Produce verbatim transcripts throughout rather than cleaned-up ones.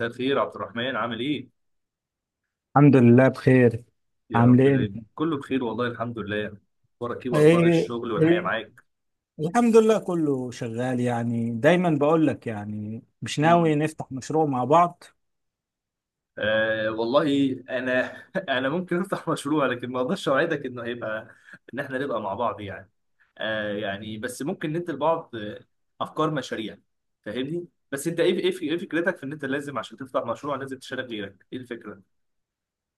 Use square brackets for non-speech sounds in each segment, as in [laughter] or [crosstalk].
مساء الخير عبد الرحمن، عامل ايه؟ الحمد لله بخير. يا عامل رب ايه دايما انت؟ كله بخير والله الحمد لله. اخبارك ايه واخبار ايه الشغل والحياه ايه، معاك؟ الحمد لله كله شغال. يعني دايما بقول لك، يعني مش ناوي مم. نفتح مشروع مع بعض؟ آه والله انا [laughs] انا ممكن افتح مشروع لكن ما اقدرش اوعدك انه هيبقى ان احنا نبقى مع بعض يعني. آه يعني بس ممكن ندي لبعض آه، افكار مشاريع. فاهمني؟ بس انت ايه ايه ايه فكرتك في ان انت لازم عشان تفتح مشروع لازم تشارك غيرك، ايه الفكره؟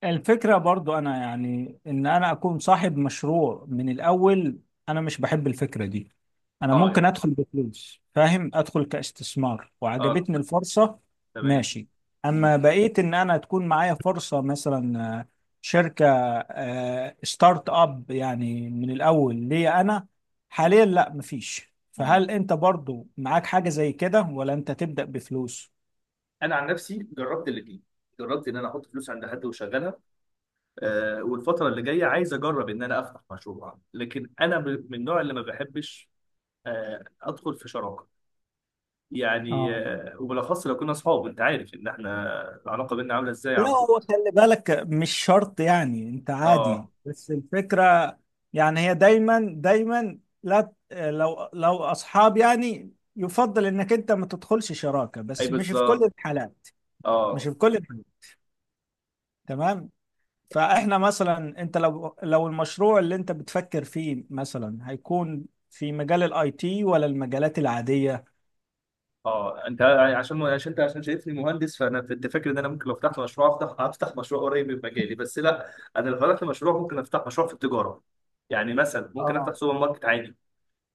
الفكرة برضو انا يعني ان انا اكون صاحب مشروع من الاول. انا مش بحب الفكرة دي. انا اه يعني. ممكن ادخل بفلوس، فاهم، ادخل كاستثمار اه. وعجبتني الفرصة. تمام. ماشي. مم. اما بقيت ان انا تكون معايا فرصة مثلا، آه، شركة، آه، ستارت اب يعني من الاول ليا انا. حاليا لا مفيش، مم. فهل انت برضو معاك حاجة زي كده ولا انت تبدأ بفلوس؟ انا عن نفسي جربت الاثنين. جربت ان انا احط فلوس عند حد واشغلها. آه، والفترة اللي جاية عايز أجرب إن أنا أفتح مشروع، لكن أنا ب- من النوع اللي ما بحبش آه، أدخل في شراكة. يعني اه. آه، وبالأخص لو كنا أصحاب، أنت عارف إن إحنا العلاقة بينا عاملة إزاي يا لا، عبدو. هو خلي بالك مش شرط، يعني انت أه. عادي، بس الفكرة يعني هي دايما دايما، لا لو لو اصحاب يعني يفضل انك انت ما تدخلش شراكة، أي بس مش في كل بالظبط. الحالات. مش أه. في كل الحالات، تمام. فاحنا مثلا، انت لو لو المشروع اللي انت بتفكر فيه مثلا هيكون في مجال الاي تي ولا المجالات العادية؟ أه أنت عشان عشان أنت عشان شايفني مهندس، فأنا كنت فاكر إن أنا ممكن لو فتحت مشروع أفتح أفتح مشروع قريب من مجالي، بس لا أنا لو فتحت مشروع ممكن أفتح مشروع في التجارة. يعني مثلا ممكن أفتح اه، سوبر ماركت عادي.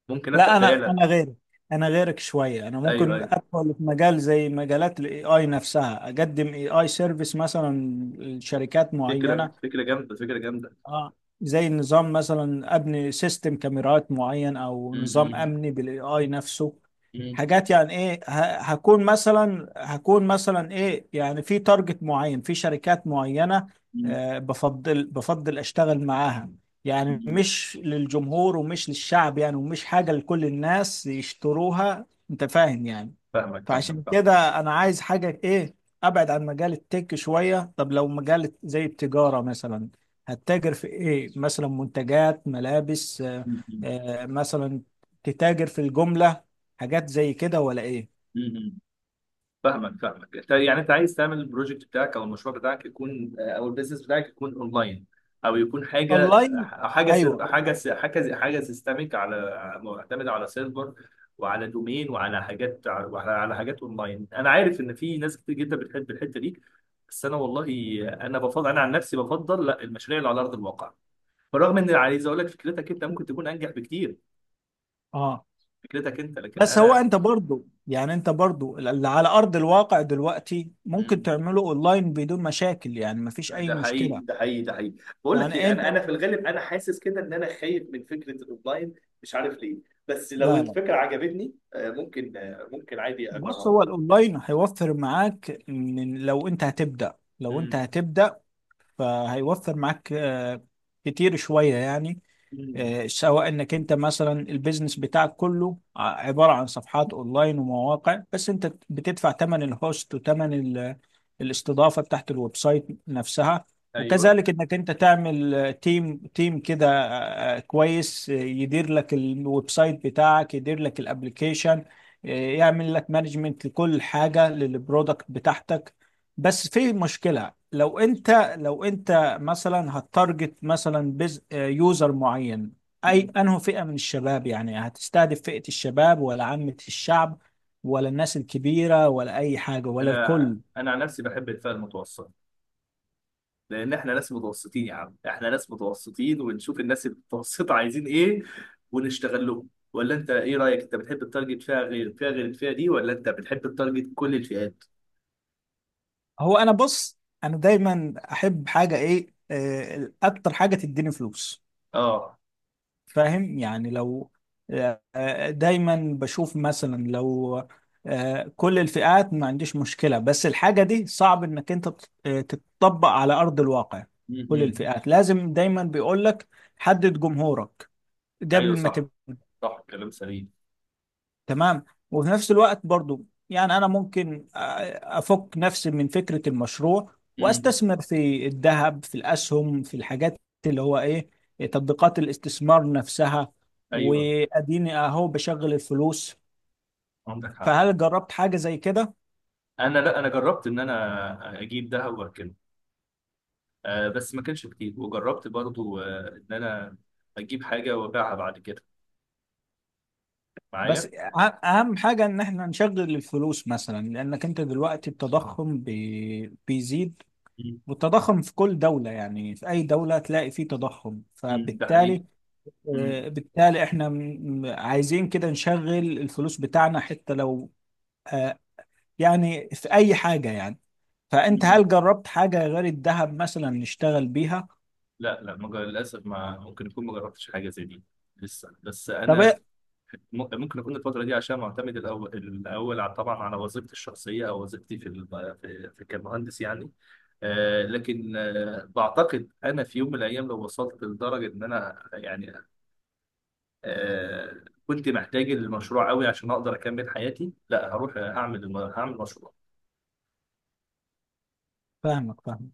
ممكن أفتح لا انا بقالة. انا غيرك. انا غيرك شويه. انا أيوه ممكن أيوه. ادخل في مجال زي مجالات الاي اي نفسها، اقدم اي اي سيرفيس مثلا لشركات فكرة معينه. فكرة جامدة، فكرة جامدة. اه، زي النظام مثلا، ابني سيستم كاميرات معين او نظام م- امني بالاي اي نفسه. م- حاجات يعني ايه، ه- هكون مثلا، هكون مثلا ايه يعني، في تارجت معين، في شركات معينة. م- آه، بفضل بفضل اشتغل معاها، يعني م- مش للجمهور ومش للشعب يعني، ومش حاجة لكل الناس يشتروها. انت فاهم يعني. فاهمك فاهمك فعشان فاهمك. كده انا عايز حاجة ايه، ابعد عن مجال التك شوية. طب لو مجال زي التجارة مثلا، هتتاجر في ايه؟ مثلا منتجات ملابس، آه، م- م- آه، مثلا تتاجر في الجملة، حاجات زي كده ولا ايه؟ م- فاهمك فاهمك. أنت- يعني انت عايز تعمل البروجكت بتاعك او المشروع بتاعك يكون آه، او البيزنس بتاعك يكون اونلاين، او يكون حاجه، اونلاين، حاجه سير ايوه. حاجه س- حاجه حاجه سيستميك، على معتمده على سيرفر وعلى دومين وعلى حاجات وعلى على حاجات اونلاين. انا عارف ان في ناس كتير جدا بتحب الحته دي، بس انا والله انا بفضل انا عن نفسي بفضل لا، المشاريع اللي على ارض الواقع، بالرغم ان عايز اقول لك فكرتك انت ممكن تكون انجح بكتير. اه، فكرتك انت، لكن بس هو انا. انت برضو، يعني انت برضو اللي على ارض الواقع دلوقتي ممكن مم. تعمله اونلاين بدون مشاكل، يعني مفيش اي ده حقيقي، مشكلة. ده حقيقي، ده حقيقي. بقول لك يعني ايه، انت، انا انا في الغالب انا حاسس كده ان انا خايف من فكره الاونلاين، مش عارف ليه. بس لو لا لا، الفكره عجبتني آه، ممكن آه، ممكن عادي بص، اجربها. هو الاونلاين هيوفر معاك. من لو انت هتبدأ، لو انت مم. هتبدأ فهيوفر معاك آه، كتير شوية يعني. مم. آه، سواء انك انت مثلا البيزنس بتاعك كله ع- عبارة عن صفحات اونلاين ومواقع، بس انت بتدفع ثمن الهوست وثمن ال- الاستضافة بتاعت الويب سايت نفسها. ايوه. وكذلك انك انت تعمل، آه، تيم تيم كده، آه، آه، كويس، آه، يدير لك الويب سايت بتاعك، يدير لك الابليكيشن، آه، يعمل لك مانجمنت لكل حاجة للبرودكت بتاعتك. بس في مشكلة، لو انت، لو انت مثلا هتارجت مثلا بز... آه، يوزر معين، اي مم. انه فئة من الشباب، يعني هتستهدف فئة الشباب ولا عامة الشعب ولا الناس الكبيرة ولا اي حاجة ولا انا الكل؟ انا عن نفسي بحب الفئه المتوسطه، لان احنا ناس متوسطين يا عم، احنا ناس متوسطين ونشوف الناس المتوسطه عايزين ايه ونشتغل لهم. ولا انت ايه رايك، انت بتحب التارجت فئه غير فئه، غير الفئه دي، ولا انت بتحب التارجت كل الفئات؟ هو انا بص، انا دايما احب حاجة ايه، آه، اكتر حاجة تديني فلوس، اه. فاهم يعني. لو آه، آه، دايما بشوف مثلا، لو آه، كل الفئات ما عنديش مشكلة، بس الحاجة دي صعب انك انت تط- آه، تتطبق على ارض الواقع. كل امم. الفئات لازم. دايما بيقولك حدد جمهورك ايوه قبل ما صح. تبدأ. صح كلام سليم. تمام. وفي نفس الوقت برضو، يعني انا ممكن آه، افك نفسي من فكرة المشروع امم. واستثمر في الذهب، في الاسهم، في الحاجات اللي هو ايه، تطبيقات الاستثمار نفسها، ايوه. واديني اهو بشغل الفلوس. عندك حق. فهل جربت حاجة زي كده؟ انا لا، انا جربت ان انا اجيب دهب واركنه، آه بس ما كانش كتير. وجربت برضو آه ان انا اجيب حاجه وابيعها بعد كده، بس معايا. أه- اهم حاجة ان احنا نشغل الفلوس، مثلا لانك انت دلوقتي التضخم بي- بيزيد. مم. والتضخم في كل دولة يعني، في اي دولة تلاقي فيه تضخم، مم، ده حقيقي. فبالتالي، مم. آه، بالتالي احنا م- عايزين كده نشغل الفلوس بتاعنا، حتى لو آه، يعني في اي حاجة يعني. فانت مم. هل جربت حاجة غير الذهب مثلا نشتغل بيها؟ لا لا، ما جر- للاسف ما ممكن يكون ما جربتش حاجه زي دي لسه. بس طب انا إيه؟ م- ممكن اكون الفتره دي عشان معتمد الاول الاول، على- طبعا على وظيفتي الشخصيه او وظيفتي في ال- في في كمهندس يعني. آه، لكن آه، بعتقد انا في يوم من الايام لو وصلت لدرجه ان انا يعني آه، كنت محتاج المشروع قوي عشان اقدر اكمل حياتي، لا هروح اعمل الم- هعمل مشروع. فاهمك فاهمك.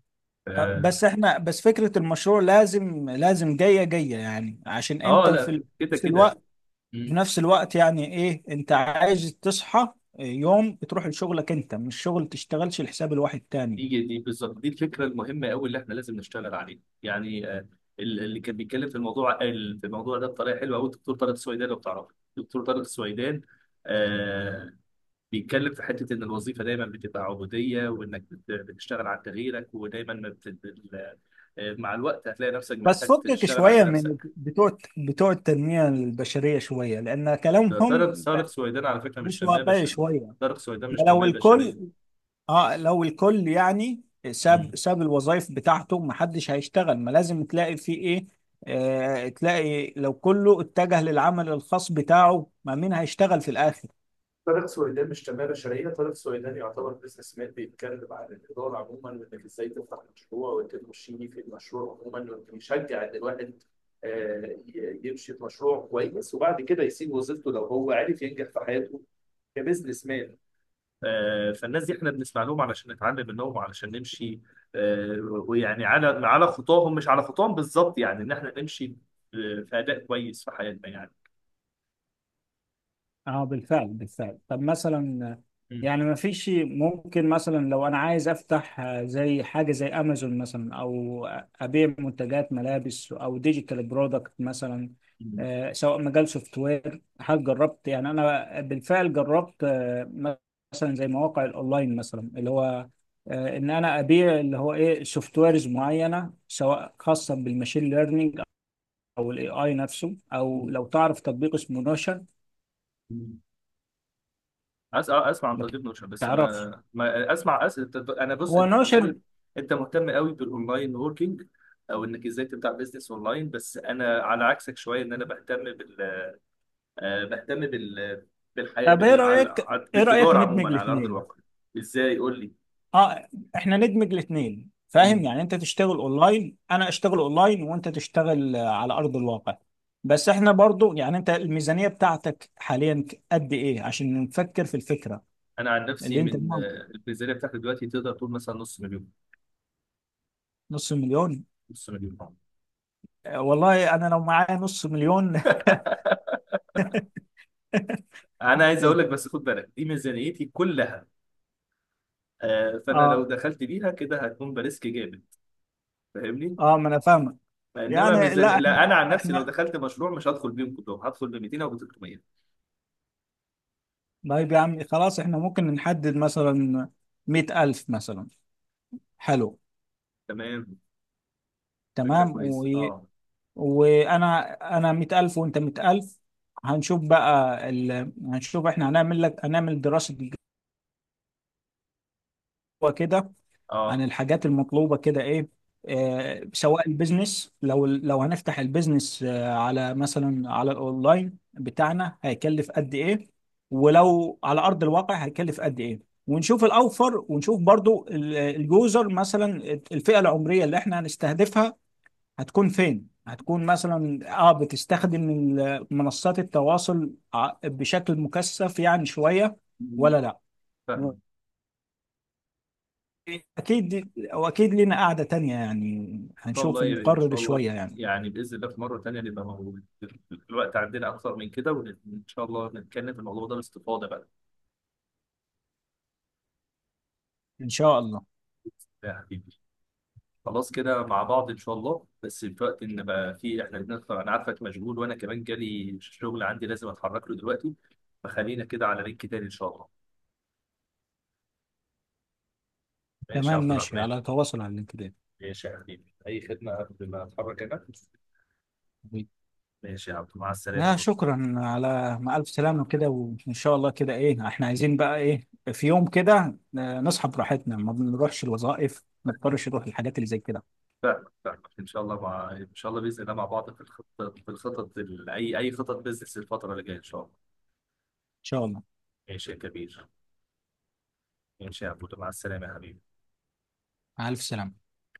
آه، اه. بس احنا، بس فكرة المشروع لازم لازم جاية جاية يعني، عشان آه، انت في لا ال- كده نفس كده. الوقت. في نفس الوقت يعني ايه؟ انت عايز تصحى يوم بتروح لشغلك، انت مش شغل تشتغلش لحساب الواحد تاني. دي دي بالظبط دي الفكره المهمه قوي اللي احنا لازم نشتغل عليها. يعني آه، ال- اللي كان بيتكلم في الموضوع ال- في الموضوع ده بطريقه حلوه قوي الدكتور طارق السويدان، لو بتعرفه الدكتور طارق السويدان. آه. بيتكلم في حته ان الوظيفه دايما بتبقى عبوديه، وانك بت- بتشتغل على تغييرك، ودايما ما بت... ال- آه، مع الوقت هتلاقي نفسك بس محتاج فكك تشتغل عند شوية من نفسك. بتوع بتوع التنمية البشرية شوية، لأن ده طارق كلامهم طارق سويدان على فكره مش مش تنميه واقعي بشريه. شوية. طارق سويدان مش لو تنميه بشريه. الكل، اه، لو الكل يعني ساب ساب الوظائف بتاعته، محدش هيشتغل. ما لازم تلاقي في ايه، آه، تلاقي لو كله اتجه للعمل الخاص بتاعه، ما مين هيشتغل في الآخر؟ طارق سويدان مش تنمية بشرية، طارق سويدان يعتبر بزنس مان، بيتكلم عن الإدارة عموما وإنك إزاي تفتح مشروع وإنك تمشي في المشروع عموما، وإنك يشجع إن الواحد آه، ي- يمشي في مشروع كويس وبعد كده يسيب وظيفته لو هو عرف ينجح في حياته كبزنس مان. آه، فالناس دي احنا بنسمع لهم علشان نتعلم منهم وعلشان نمشي آه، ويعني على على خطاهم، مش على خطاهم بالظبط، يعني ان احنا نمشي آه، في اداء كويس في حياتنا يعني. اه بالفعل بالفعل. طب مثلا، يعني ما فيش ممكن مثلا لو انا عايز افتح، آه، زي حاجه زي امازون مثلا، او ابيع منتجات ملابس او ديجيتال برودكت مثلا، آه، سواء مجال سوفت وير، هل جربت؟ يعني انا بالفعل جربت، آه، مثلا زي مواقع الاونلاين مثلا، اللي هو آه، ان انا ابيع اللي هو ايه سوفت ويرز معينه، سواء خاصه بالماشين ليرنينج او الاي اي نفسه. او لو تعرف تطبيق اسمه نوشن؟ مم. اسمع اسمع عن ما تطبيق نوشن، بس تعرفش. انا ما اسمع أس... انا بص، هو انت في نوشن. الغالب انت مهتم قوي بالاونلاين ووركينج، او انك ازاي تبدا بزنس اونلاين. بس انا على عكسك شويه، ان انا بهتم بال آه، بهتم بال بالحياه، طب ايه بال... على- رايك، على- ايه رايك بالتجاره ندمج عموما على ارض الاثنين؟ الواقع. ازاي قول لي. اه، احنا ندمج الاثنين، فاهم مم. يعني؟ انت تشتغل اونلاين، انا اشتغل اونلاين، وانت تشتغل آه، على ارض الواقع. بس احنا برضو يعني، انت الميزانيه بتاعتك حاليا ك- قد ايه عشان نفكر في الفكره انا عن نفسي اللي انت من قلناها؟ آه، الميزانيه بتاعتي دلوقتي تقدر تقول مثلا نص مليون. نص مليون؟ نص مليون [laughs] آه. آه، والله انا لو معايا نص مليون انا عايز اقول لك بس [laughs] خد بالك، دي ميزانيتي كلها. آه، فانا لو اه. دخلت بيها كده هتكون بريسك جامد. فاهمني. اه ما انا فاهمك. انما يعني ميزان لا احنا، لا، انا عن نفسي لو احنا، دخلت مشروع مش هدخل بيهم كلهم، هدخل ب ميتين او ب تلتمية. طيب يا عم، خلاص احنا ممكن نحدد مثلا مائة ألف مثلا. حلو، تمام. فكره تمام و... كويسه. اه. وانا انا مية ألف وانت مية ألف. هنشوف بقى ال... هنشوف احنا، هنعمل لك، هنعمل دراسة جدوى كده عن اه. الحاجات المطلوبة كده ايه. آه، سواء البيزنس، لو لو هنفتح البيزنس آه، على مثلا على الاونلاين بتاعنا، هيكلف قد ايه؟ ولو على ارض الواقع هيكلف قد ايه؟ ونشوف الاوفر، ونشوف برضو ال- اليوزر مثلا، الفئة العمرية اللي احنا هنستهدفها هتكون فين؟ هتكون مثلا اه بتستخدم ال- منصات التواصل ع- بشكل مكثف يعني شوية مم. ولا لا؟ فاهمك. واكيد واكيد لنا قعدة تانية يعني، ان شاء الله هنشوف يعني، ان نقرر شاء الله. شوية يعني. يعني باذن الله في مره تانيه نبقى موجود، الوقت عندنا اكثر من كده، وان شاء الله نتكلم في الموضوع ده باستفاضه بقى. ان شاء الله. يا حبيبي. خلاص كده مع بعض ان شاء الله، بس في وقت ان بقى في احنا بنطلع، انا عارفك مشغول وانا كمان جالي شغل عندي لازم اتحرك له دلوقتي. فخلينا كده على لينك تاني ان شاء الله. ماشي يا تمام عبد ماشي، الرحمن. على تواصل على اللينكدين. ماشي يا حبيبي، أي خدمة قبل ما أتحرك أنا. حبيبي. ماشي يا عبد مع السلامة آه برضه. شكرا، على مع ألف سلامة كده، وإن شاء الله كده إيه، إحنا عايزين بقى إيه، في يوم كده، آه، نصحى براحتنا، ما بنروحش الوظائف، ما نضطرش نروح الحاجات اللي زي كده. إن فاهمك فاهمك إن شاء الله، مع إن شاء الله، بإذن الله، مع بعض في الخطط، في الخطط ال... أي أي خطط بزنس الفترة اللي جاية إن شاء الله. شاء الله. ماشي يا كبير. ماشي يا عبود مع السلامة يا حبيبي. مع ألف سلامة.